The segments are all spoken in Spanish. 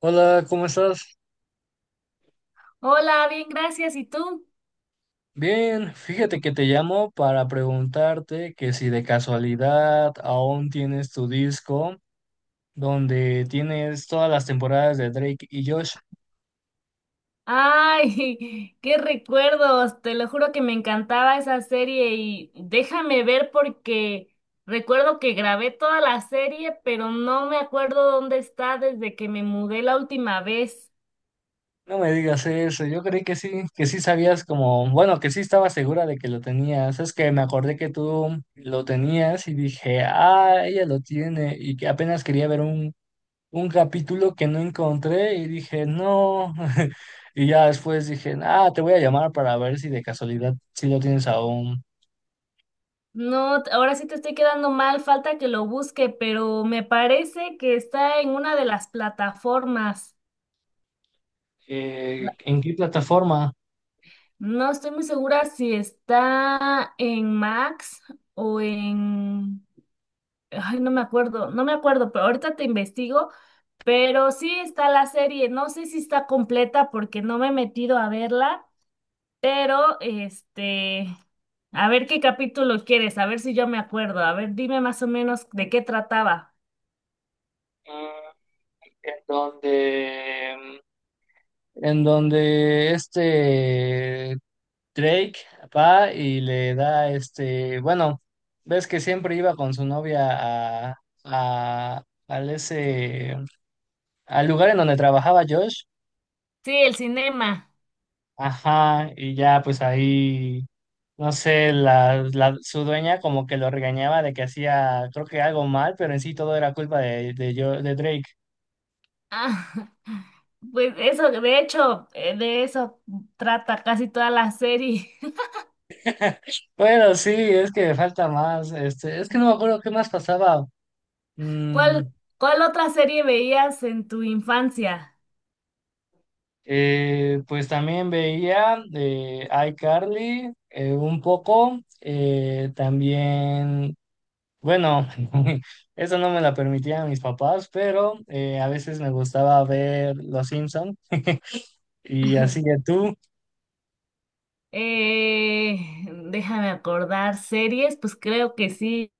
Hola, ¿cómo estás? Hola, bien, gracias. ¿Y tú? Bien, fíjate que te llamo para preguntarte que si de casualidad aún tienes tu disco donde tienes todas las temporadas de Drake y Josh. Ay, qué recuerdos. Te lo juro que me encantaba esa serie y déjame ver porque recuerdo que grabé toda la serie, pero no me acuerdo dónde está desde que me mudé la última vez. No me digas eso, yo creí que sí sabías como, bueno, que sí estaba segura de que lo tenías. Es que me acordé que tú lo tenías y dije, ah, ella lo tiene y que apenas quería ver un capítulo que no encontré y dije, no. Y ya después dije, ah, te voy a llamar para ver si de casualidad si lo tienes aún. No, ahora sí te estoy quedando mal, falta que lo busque, pero me parece que está en una de las plataformas. La- ¿En qué plataforma? No estoy muy segura si está en Max o en... Ay, no me acuerdo, no me acuerdo, pero ahorita te investigo, pero sí está la serie, no sé si está completa porque no me he metido a verla, pero a ver qué capítulo quieres, a ver si yo me acuerdo, a ver, dime más o menos de qué trataba. Mm, En donde, en donde Drake va y le da este, bueno, ves que siempre iba con su novia a, a- al ese, al lugar en donde trabajaba Josh. Sí, el cinema. Ajá, y ya pues ahí, no sé, la, su dueña como que lo regañaba de que hacía, creo que algo mal, pero en sí todo era culpa de, yo, de Drake. Ah, pues eso, de hecho, de eso trata casi toda la serie. Bueno, sí, es que falta más, este, es que no me acuerdo qué más pasaba. Mm, ¿Cuál, cuál otra serie veías en tu infancia? Pues también veía, iCarly, un poco, también, bueno, eso no me la permitían mis papás, pero a veces me gustaba ver Los Simpsons. Y así que tú, Déjame acordar, series, pues creo que sí.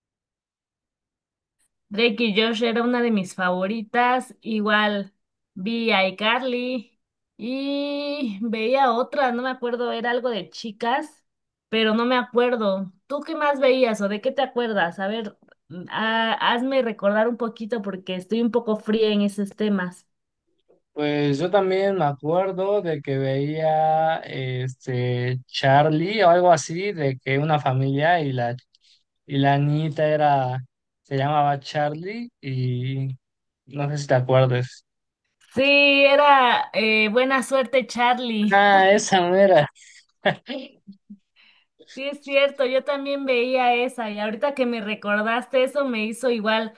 Drake y Josh era una de mis favoritas. Igual vi a iCarly y veía otra, no me acuerdo, era algo de chicas, pero no me acuerdo. ¿Tú qué más veías o de qué te acuerdas? A ver, hazme recordar un poquito porque estoy un poco fría en esos temas. pues yo también me acuerdo de que veía este Charlie o algo así, de que una familia y la niñita era, se llamaba Charlie y no sé si te acuerdas. Sí, era Buena Suerte Charlie. Ah, esa mera. Sí, es cierto, yo también veía esa y ahorita que me recordaste eso me hizo igual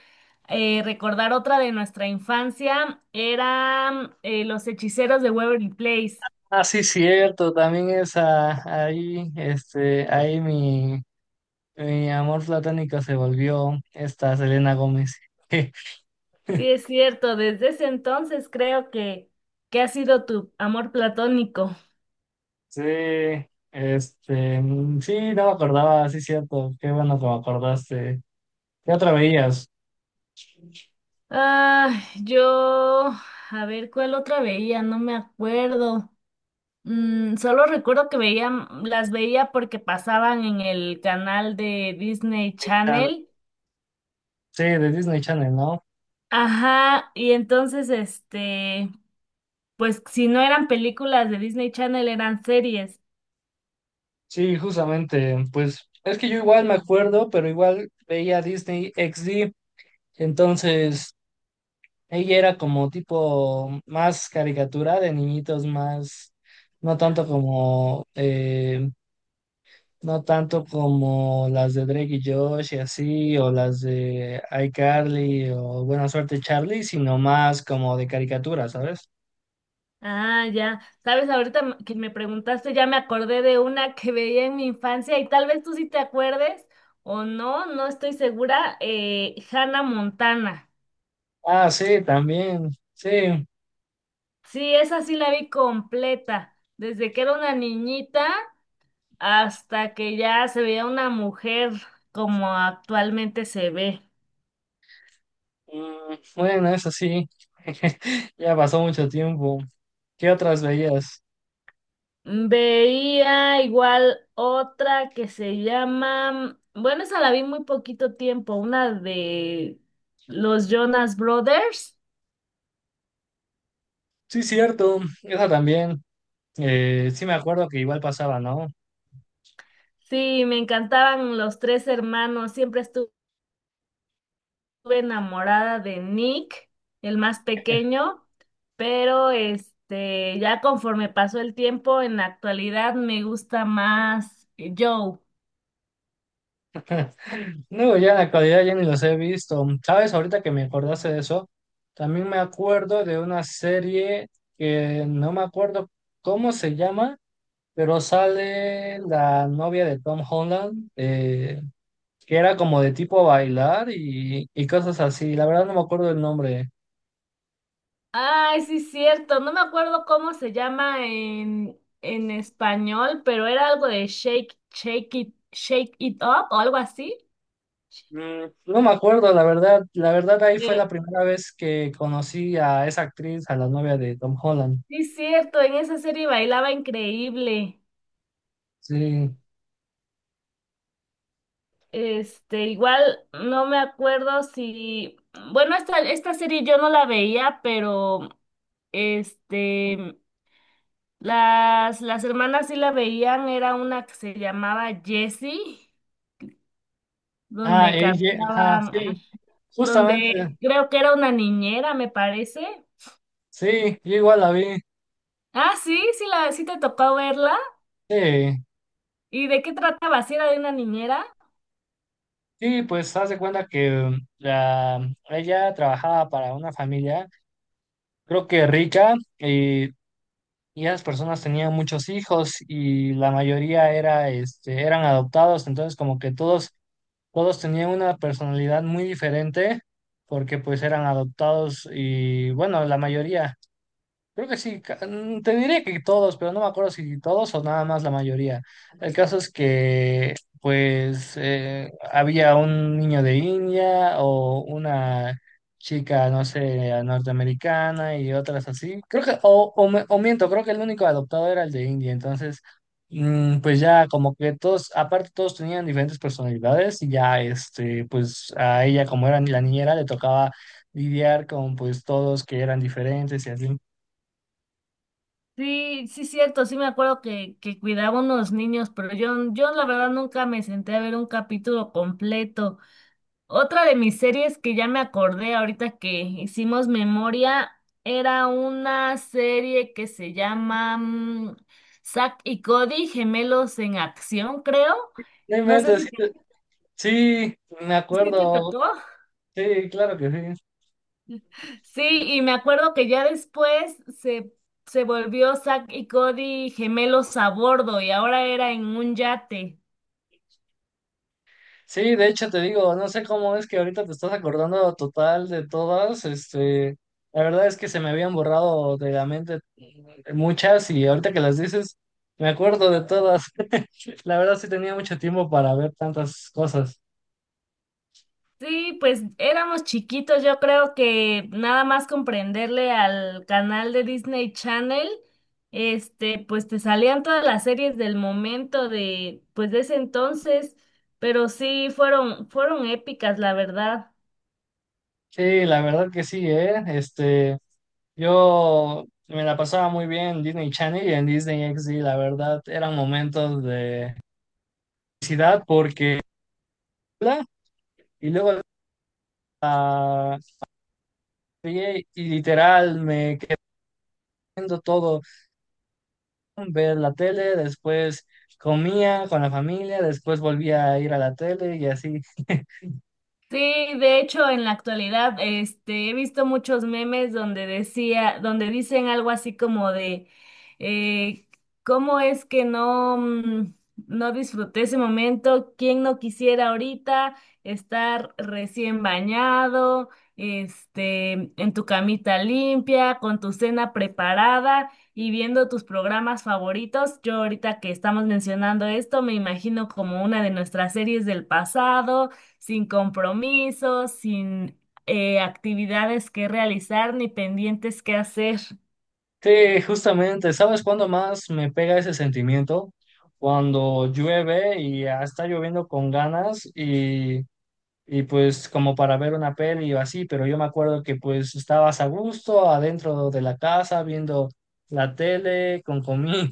recordar otra de nuestra infancia, eran Los Hechiceros de Waverly Place. Ah, sí, cierto, también esa, ahí, este, ahí mi, mi amor platónico se volvió esta Selena Gómez. Sí, es cierto, desde ese entonces creo que ha sido tu amor platónico. Sí, este, sí, no me acordaba, sí, cierto, qué bueno que me acordaste. ¿Qué otra veías? Ah, yo, a ver, ¿cuál otra veía? No me acuerdo. Mm, solo recuerdo que veía, las veía porque pasaban en el canal de Disney Disney Channel. Channel. Sí, de Disney Channel, ¿no? Ajá, y entonces, pues si no eran películas de Disney Channel, eran series. Sí, justamente, pues es que yo igual me acuerdo, pero igual veía Disney XD, entonces ella era como tipo más caricatura de niñitos, más, no tanto como, no tanto como las de Drake y Josh y así, o las de iCarly o Buena Suerte Charlie, sino más como de caricatura, ¿sabes? Ah, ya. Sabes, ahorita que me preguntaste, ya me acordé de una que veía en mi infancia y tal vez tú sí te acuerdes o no, no estoy segura, Hannah Montana. Ah, sí, también, sí. Sí, esa sí la vi completa, desde que era una niñita hasta que ya se veía una mujer como actualmente se ve. Mm, bueno, eso sí, ya pasó mucho tiempo. ¿Qué otras veías? Veía igual otra que se llama, bueno, esa la vi muy poquito tiempo, una de los Jonas Brothers. Sí, cierto, esa también. Sí me acuerdo que igual pasaba, ¿no? Sí, me encantaban los tres hermanos, siempre estuve enamorada de Nick, el más pequeño, pero ya conforme pasó el tiempo, en la actualidad me gusta más Joe. Digo, ya en la actualidad ya ni los he visto. ¿Sabes? Ahorita que me acordaste de eso, también me acuerdo de una serie que no me acuerdo cómo se llama, pero sale la novia de Tom Holland, que era como de tipo bailar y cosas así. La verdad no me acuerdo el nombre. Ay, sí, cierto. No me acuerdo cómo se llama en español, pero era algo de shake, shake it up o algo así. No me acuerdo, la verdad. La verdad ahí fue la Pero primera vez que conocí a esa actriz, a la novia de Tom Holland. sí, cierto, en esa serie bailaba increíble. Sí. Igual no me acuerdo si, bueno, esta serie yo no la veía, pero este, las hermanas sí la veían, era una que se llamaba Jessie, Ah, donde ella, ajá, cantaban. sí. Justamente, Donde creo que era una niñera, me parece. sí, yo igual la vi. Ah, sí, sí, la, sí te tocó verla. Sí, ¿Y de qué trataba? ¿Si era de una niñera? sí, pues haz de cuenta que la, ella trabajaba para una familia, creo que rica, y esas personas tenían muchos hijos y la mayoría era, este, eran adoptados, entonces como que todos, todos tenían una personalidad muy diferente porque pues eran adoptados y bueno, la mayoría. Creo que sí, te diré que todos, pero no me acuerdo si todos o nada más la mayoría. El caso es que, pues, había un niño de India o una chica, no sé, norteamericana y otras así. Creo que, o, o miento, creo que el único adoptado era el de India. Entonces, pues ya como que todos, aparte todos tenían diferentes personalidades y ya, este, pues a ella como era la niñera le tocaba lidiar con pues todos que eran diferentes y así. Sí, sí, cierto, sí me acuerdo que cuidaba unos niños, pero yo la verdad nunca me senté a ver un capítulo completo. Otra de mis series que ya me acordé ahorita que hicimos memoria era una serie que se llama Zack y Cody, Gemelos en Acción, creo. No No sé inventes, si te, sí, sí, me si te acuerdo. tocó. Sí, claro que sí. Sí, y me acuerdo que ya después se, se volvió Zack y Cody gemelos a bordo y ahora era en un yate. Sí, de hecho te digo, no sé cómo es que ahorita te estás acordando total de todas, este, la verdad es que se me habían borrado de la mente muchas y ahorita que las dices, me acuerdo de todas. La verdad sí tenía mucho tiempo para ver tantas cosas. Sí, pues éramos chiquitos, yo creo que nada más comprenderle al canal de Disney Channel, pues te salían todas las series del momento de, pues de ese entonces, pero sí fueron, fueron épicas, la verdad. Sí, la verdad que sí, ¿eh? Este, yo me la pasaba muy bien en Disney Channel y en Disney XD, la verdad, eran momentos felicidad porque y luego la vi y literal me quedé viendo todo, ver la tele, después comía con la familia, después volvía a ir a la tele y así. Sí, de hecho, en la actualidad, he visto muchos memes donde decía, donde dicen algo así como de, eh, ¿cómo es que no, no disfruté ese momento? ¿Quién no quisiera ahorita estar recién bañado, en tu camita limpia, con tu cena preparada y viendo tus programas favoritos? Yo ahorita que estamos mencionando esto, me imagino como una de nuestras series del pasado sin compromisos, sin actividades que realizar ni pendientes que hacer. Sí, justamente, ¿sabes cuándo más me pega ese sentimiento? Cuando llueve y ya está lloviendo con ganas y pues como para ver una peli o así, pero yo me acuerdo que pues estabas a gusto adentro de la casa viendo la tele con comida.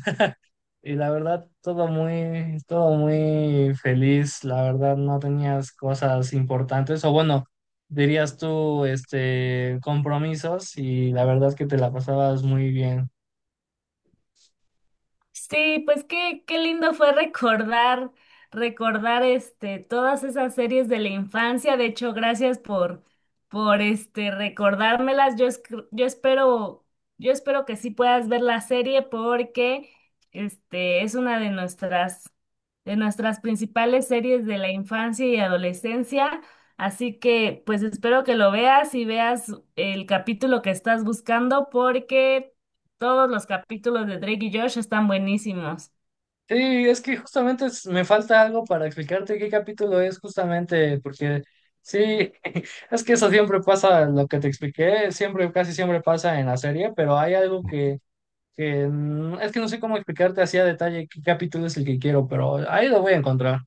Y la verdad, todo muy feliz. La verdad, no tenías cosas importantes. O bueno, dirías tú, este, compromisos. Y la verdad que te la pasabas muy bien. Sí, pues qué, qué lindo fue recordar, recordar todas esas series de la infancia. De hecho, gracias por recordármelas. Yo, yo espero, yo espero que sí puedas ver la serie porque es una de nuestras principales series de la infancia y adolescencia. Así que, pues espero que lo veas y veas el capítulo que estás buscando porque todos los capítulos de Drake y Josh están buenísimos. Sí, es que justamente me falta algo para explicarte qué capítulo es justamente, porque sí, es que eso siempre pasa, lo que te expliqué, siempre, casi siempre pasa en la serie, pero hay algo que es que no sé cómo explicarte así a detalle qué capítulo es el que quiero, pero ahí lo voy a encontrar.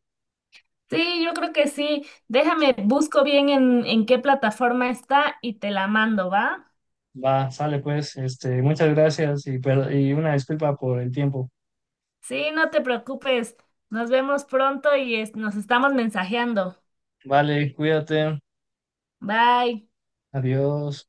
Sí, yo creo que sí. Déjame, busco bien en qué plataforma está y te la mando, ¿va? Va, sale pues, este, muchas gracias y, y una disculpa por el tiempo. Sí, no te preocupes. Nos vemos pronto y nos estamos mensajeando. Vale, cuídate, Bye. adiós.